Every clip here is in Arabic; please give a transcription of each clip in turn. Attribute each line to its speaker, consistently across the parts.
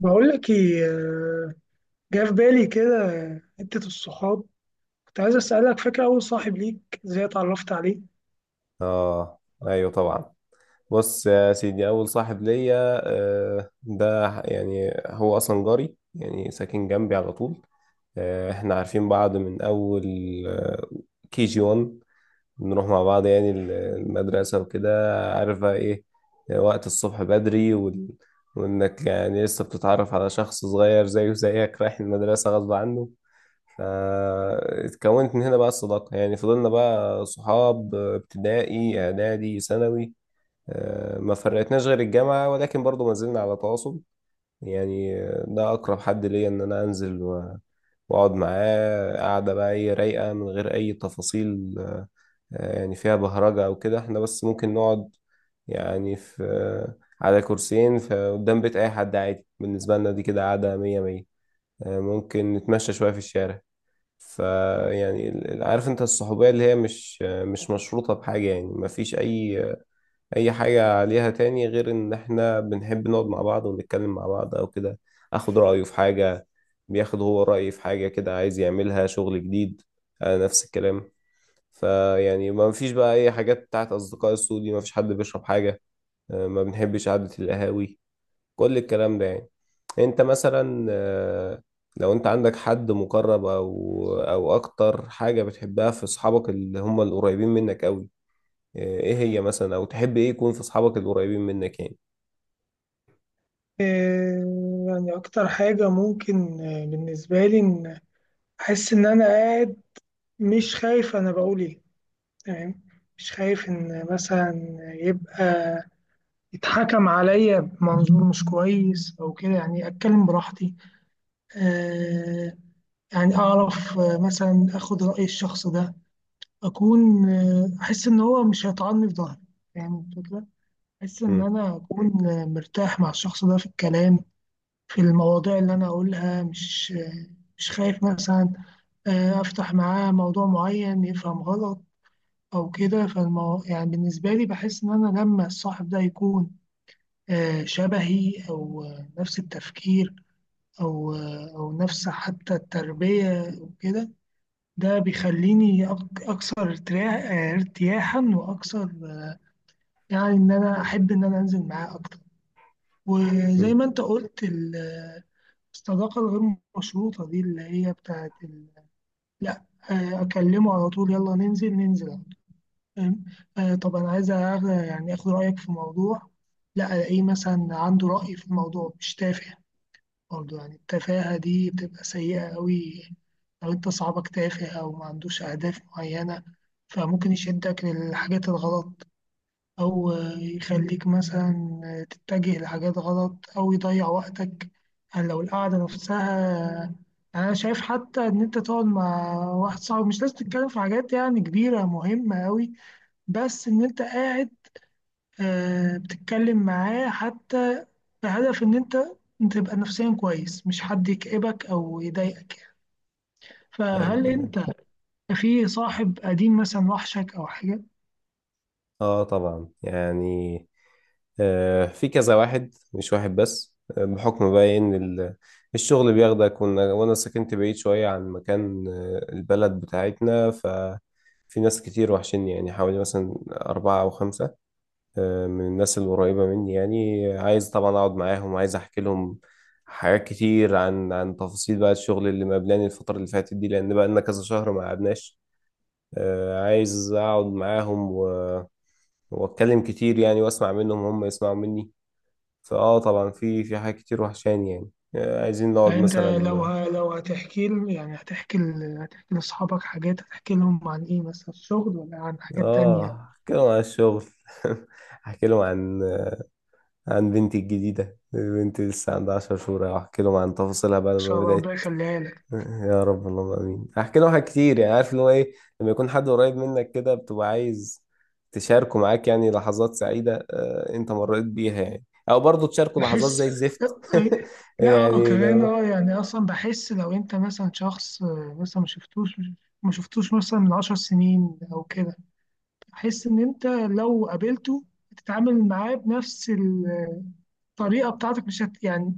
Speaker 1: بقول لك ايه، جه في بالي كده حتة الصحاب. كنت عايز اسألك، فاكر اول صاحب ليك ازاي اتعرفت عليه؟
Speaker 2: اه، ايوه، طبعا. بص يا سيدي، اول صاحب ليا ده يعني هو اصلا جاري، يعني ساكن جنبي على طول. احنا عارفين بعض من اول، آه، كي جي 1. بنروح مع بعض يعني المدرسة وكده. عارف بقى ايه؟ وقت الصبح بدري وانك يعني لسه بتتعرف على شخص صغير زيه زيك رايح المدرسة غصب عنه. فاتكونت من هنا بقى الصداقة، يعني فضلنا بقى صحاب ابتدائي إعدادي ثانوي. ما فرقتناش غير الجامعة، ولكن برضو ما زلنا على تواصل. يعني ده أقرب حد ليا، إن أنا أنزل وأقعد معاه قعدة بقى إيه، رايقة من غير أي تفاصيل. يعني فيها بهرجة أو كده، إحنا بس ممكن نقعد، يعني في آه، على كرسيين في قدام بيت أي حد، عادي بالنسبة لنا، دي كده قعدة مية مية. ممكن نتمشى شوية في الشارع. فيعني عارف انت الصحوبية اللي هي مش مشروطة بحاجة، يعني مفيش أي حاجة عليها تاني غير إن احنا بنحب نقعد مع بعض ونتكلم مع بعض أو كده. آخد رأيه في حاجة، بياخد هو رأيي في حاجة كده عايز يعملها، شغل جديد، نفس الكلام. فيعني ما فيش بقى أي حاجات بتاعت أصدقاء السوء دي، ما فيش حد بيشرب حاجة. ما بنحبش قعدة القهاوي، كل الكلام ده. يعني انت مثلا، لو انت عندك حد مقرب، او اكتر حاجة بتحبها في اصحابك اللي هم القريبين منك قوي، ايه هي مثلا، او تحب ايه يكون في اصحابك القريبين منك يعني؟
Speaker 1: يعني اكتر حاجة ممكن، بالنسبة لي ان احس ان انا قاعد، مش خايف انا بقول ايه. تمام. مش خايف ان مثلا يبقى يتحكم عليا بمنظور مش كويس او كده، يعني اتكلم براحتي. آه، يعني اعرف، مثلا اخد رأي الشخص ده. أكون، أحس إن هو مش هيطعني في ظهري. يعني الفكرة، أحس إن
Speaker 2: امم.
Speaker 1: أنا أكون مرتاح مع الشخص ده في الكلام، في المواضيع اللي أنا أقولها. مش خايف مثلا أفتح معاه موضوع معين يفهم غلط أو كده. يعني بالنسبة لي، بحس إن أنا لما الصاحب ده يكون شبهي، أو نفس التفكير، أو نفس حتى التربية وكده، ده بيخليني أكثر ارتياحا وأكثر، يعني ان انا احب ان انا انزل معاه اكتر. وزي ما انت قلت، الصداقه الغير مشروطه دي، اللي هي بتاعت لا، اكلمه على طول، يلا ننزل ننزل. فاهم؟ طب انا عايز يعني اخد رايك في موضوع، لا الاقيه مثلا عنده راي في الموضوع مش تافه. برضه يعني التفاهه دي بتبقى سيئه قوي. لو انت صاحبك تافه او ما عندوش اهداف معينه، فممكن يشدك للحاجات الغلط أو يخليك مثلا تتجه لحاجات غلط أو يضيع وقتك. يعني لو القعدة نفسها، أنا شايف حتى إن أنت تقعد مع واحد صاحبك مش لازم تتكلم في حاجات يعني كبيرة مهمة أوي، بس إن أنت قاعد بتتكلم معاه حتى بهدف إن أنت تبقى نفسيا كويس، مش حد يكئبك أو يضايقك يعني.
Speaker 2: ايوه،
Speaker 1: فهل
Speaker 2: تمام.
Speaker 1: أنت في صاحب قديم مثلا وحشك أو حاجة؟
Speaker 2: اه، طبعا، يعني في كذا واحد مش واحد بس. بحكم بقى ان الشغل بياخدك، وأنا سكنت بعيد شوية عن مكان البلد بتاعتنا. ففي ناس كتير وحشني، يعني حوالي مثلا أربعة أو خمسة، من الناس القريبة مني. يعني عايز طبعا أقعد معاهم، عايز أحكي لهم حاجات كتير عن تفاصيل بقى الشغل اللي مقابلاني الفترة اللي فاتت دي، لأن بقى لنا كذا شهر ما قعدناش. عايز أقعد معاهم وأتكلم كتير يعني، وأسمع منهم وهم يسمعوا مني. فاه، طبعا في حاجات كتير وحشاني، يعني عايزين نقعد
Speaker 1: يعني انت لو
Speaker 2: مثلا.
Speaker 1: لو يعني هتحكي لاصحابك حاجات، هتحكي لهم عن ايه؟ مثلا الشغل ولا عن حاجات تانية؟ ان
Speaker 2: اه، احكي لهم عن الشغل. احكي لهم عن بنتي الجديدة. بنتي لسه عندها 10 شهور، احكي لهم عن تفاصيلها بقى لما
Speaker 1: شاء الله، ربنا
Speaker 2: بدأت.
Speaker 1: يخليها لك.
Speaker 2: يا رب، اللهم امين. احكي لهم حاجات كتير، يعني عارف اللي هو ايه، لما يكون حد قريب منك كده، بتبقى عايز تشاركه معاك يعني لحظات سعيدة انت مريت بيها يعني، او برضه تشاركه لحظات
Speaker 1: بحس.
Speaker 2: زي الزفت.
Speaker 1: لا، اه.
Speaker 2: يعني
Speaker 1: كمان
Speaker 2: لو...
Speaker 1: اه، يعني اصلا بحس لو انت مثلا شخص مثلا ما شفتوش، ما شفتوش مثلا من 10 سنين او كده، بحس ان انت لو قابلته هتتعامل معاه بنفس الطريقه بتاعتك. مش يعني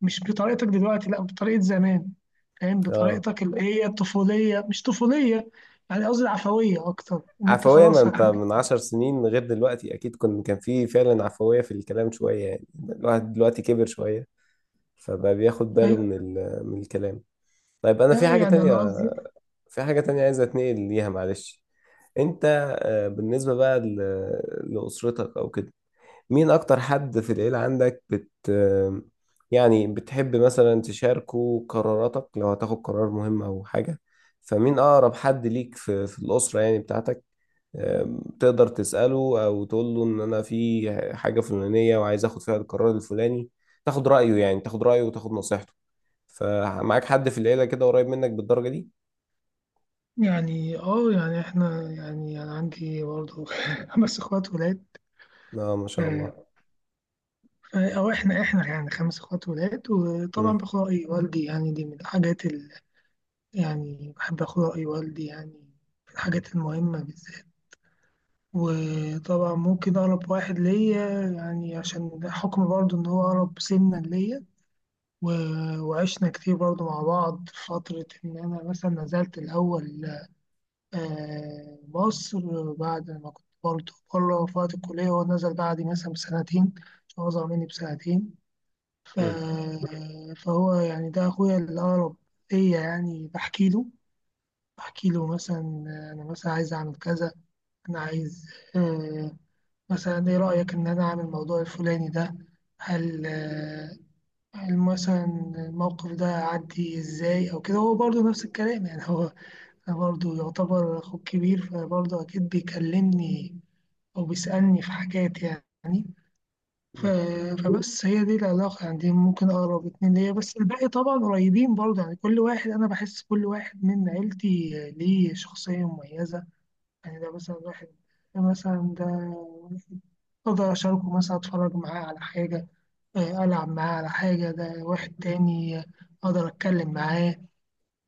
Speaker 1: مش بطريقتك دلوقتي، لا بطريقه زمان. فاهم؟
Speaker 2: اه،
Speaker 1: بطريقتك اللي هي الطفوليه مش طفوليه، يعني قصدي العفويه اكتر، ان انت
Speaker 2: عفوية. ما
Speaker 1: خلاص
Speaker 2: انت من عشر سنين غير دلوقتي، اكيد كان في فعلا عفوية في الكلام شوية. يعني الواحد دلوقتي كبر شوية، فبقى بياخد باله
Speaker 1: أي-
Speaker 2: من الكلام. طيب، انا
Speaker 1: لا، يعني انا قصدي.
Speaker 2: في حاجة تانية عايز اتنقل ليها، معلش. انت بالنسبة بقى لأسرتك او كده، مين اكتر حد في العيلة عندك بت آه، يعني بتحب مثلا تشاركه قراراتك لو هتاخد قرار مهم او حاجة؟ فمين اقرب حد ليك في الأسرة، يعني بتاعتك، تقدر تسأله أو تقول له إن أنا في حاجة فلانية وعايز آخد فيها القرار الفلاني؟ تاخد رأيه، يعني تاخد رأيه وتاخد نصيحته. فمعاك حد في العيلة كده قريب منك بالدرجة دي؟
Speaker 1: يعني اه، يعني احنا يعني انا عندي برضه 5 اخوات ولاد.
Speaker 2: آه، ما شاء
Speaker 1: آه،
Speaker 2: الله.
Speaker 1: او احنا يعني 5 اخوات ولاد، وطبعا
Speaker 2: مم.
Speaker 1: باخد راي والدي، يعني دي من الحاجات اللي يعني بحب اخد راي والدي يعني في الحاجات المهمه بالذات. وطبعا ممكن أقرب واحد ليا يعني عشان حكم برضه إن هو أقرب سنا ليا، و- وعشنا كتير برضه مع بعض، في فترة إن أنا مثلا نزلت الأول مصر، بعد ما كنت برضه بره في وقت الكلية. هو نزل بعدي مثلا بسنتين عشان هو أصغر مني بسنتين. ف...
Speaker 2: مم.
Speaker 1: فهو يعني ده أخويا الأقرب ليا، يعني بحكي له مثلا أنا مثلا عايز أعمل كذا. أنا عايز آه، مثلا ايه رأيك ان انا اعمل الموضوع الفلاني ده. هل آه، هل مثلا الموقف ده عدي ازاي او كده. هو برضه نفس الكلام، يعني هو برضه يعتبر اخوك كبير، فبرضه اكيد بيكلمني او بيسألني في حاجات يعني. ف-
Speaker 2: مم.
Speaker 1: فبس هي دي العلاقة، يعني دي ممكن أقرب اتنين ليا، بس الباقي طبعا قريبين برضه. يعني كل واحد أنا بحس كل واحد من عيلتي ليه شخصية مميزة. يعني ده مثلا ده أقدر أشاركه، مثلا أتفرج معاه على حاجة، ألعب معاه على حاجة. ده واحد تاني، أقدر أتكلم معاه.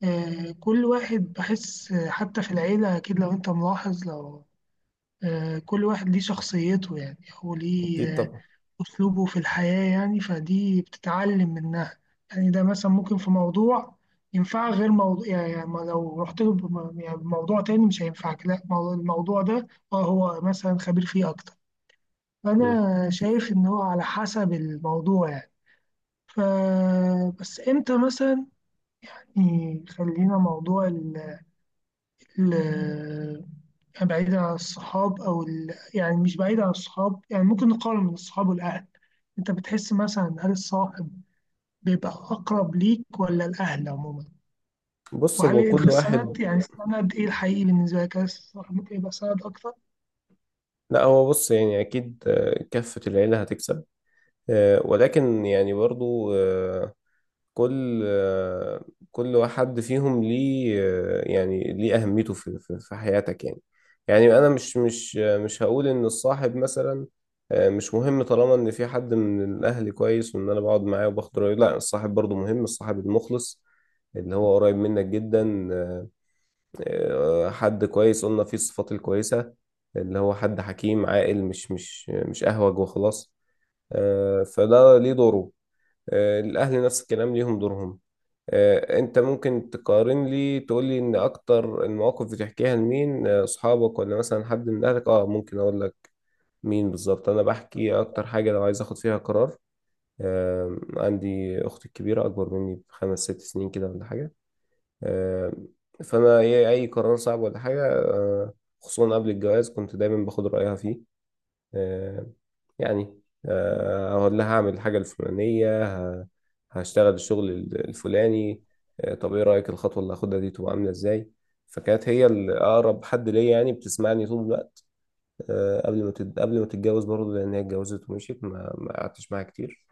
Speaker 1: كل واحد بحس حتى في العيلة، أكيد لو أنت ملاحظ لو آه، كل واحد ليه شخصيته، يعني هو ليه
Speaker 2: أكيد طبعا.
Speaker 1: أسلوبه في الحياة، يعني فدي بتتعلم منها. يعني ده مثلا ممكن في موضوع ينفع غير موضوع، يعني لو رحت له يعني بموضوع تاني مش هينفعك. لا الموضوع ده، اه هو مثلا خبير فيه أكتر.
Speaker 2: مم.
Speaker 1: أنا شايف إن هو على حسب الموضوع يعني. ف بس إمتى مثلا، يعني خلينا موضوع ال يعني بعيد عن الصحاب أو يعني مش بعيد عن الصحاب، يعني ممكن نقارن بين الصحاب والأهل. أنت بتحس مثلا، هل الصاحب بيبقى أقرب ليك ولا الأهل عموما؟
Speaker 2: بص،
Speaker 1: وهل
Speaker 2: هو
Speaker 1: أنت
Speaker 2: كل واحد.
Speaker 1: السند، يعني السند إيه الحقيقي بالنسبة لك؟ هل الصاحب ممكن يبقى سند أكتر؟
Speaker 2: لا، هو بص يعني، أكيد كافة العيلة هتكسب، ولكن يعني برضو كل آه، كل واحد فيهم ليه يعني ليه أهميته في حياتك يعني أنا مش هقول إن الصاحب مثلا مش مهم طالما إن في حد من الأهل كويس وإن أنا بقعد معاه وباخد رأيه. لا، الصاحب برضو مهم، الصاحب المخلص اللي هو قريب منك جدا، حد كويس قلنا فيه الصفات الكويسة، اللي هو حد حكيم عاقل مش أهوج وخلاص. فده ليه دوره، الأهل نفس الكلام ليهم دورهم. انت ممكن تقارن لي، تقول لي ان اكتر المواقف بتحكيها لمين، اصحابك ولا مثلا حد من اهلك؟ اه، ممكن اقول لك مين بالظبط. انا بحكي اكتر حاجة لو عايز اخد فيها قرار، عندي اختي الكبيرة، اكبر مني بخمس ست سنين كده ولا حاجة. آه، فانا أي قرار صعب ولا حاجة، خصوصا قبل الجواز، كنت دايما باخد رأيها فيه. آه، يعني أقول لها هعمل الحاجة الفلانية، ه- هشتغل الشغل الفلاني. طب إيه رأيك الخطوة اللي هاخدها دي تبقى عاملة إزاي؟ فكانت هي الأقرب حد ليا، يعني بتسمعني طول الوقت. قبل ما تتجوز برضه، لأن هي اتجوزت ومشيت، ما قعدتش معاها كتير.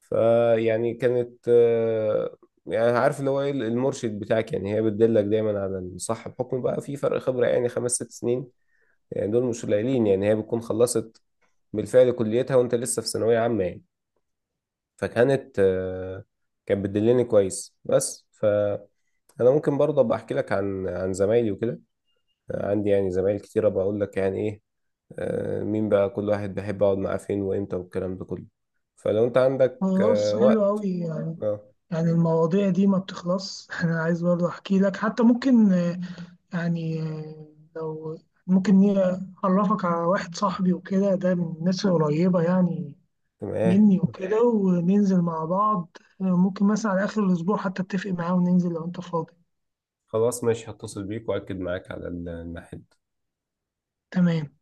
Speaker 2: فيعني كانت، يعني عارف اللي هو إيه المرشد بتاعك، يعني هي بتدلك دايما على الصح، بحكم بقى في فرق خبرة، يعني 5-6 سنين، يعني دول مش قليلين. يعني هي بتكون خلصت بالفعل كليتها وانت لسه في ثانوية عامة يعني. فكانت، كانت بتدلني كويس بس. فأنا ممكن برضه أبقى أحكي لك عن زمايلي وكده، عندي يعني زمايل كتيرة بقول لك يعني إيه، مين بقى كل واحد بحب أقعد معاه فين وإمتى والكلام ده كله، فلو أنت عندك
Speaker 1: خلاص، حلو
Speaker 2: وقت.
Speaker 1: أوي يعني
Speaker 2: أه،
Speaker 1: يعني المواضيع دي ما بتخلص أنا عايز برضه أحكي لك حتى، ممكن يعني لو ممكن أعرفك على واحد صاحبي وكده، ده من الناس القريبة يعني
Speaker 2: تمام.
Speaker 1: مني وكده، وننزل مع بعض ممكن مثلا على آخر الأسبوع، حتى أتفق معاه وننزل لو أنت فاضي.
Speaker 2: خلاص، ماشي، هتصل بيك وأكد معاك على الميعاد.
Speaker 1: تمام.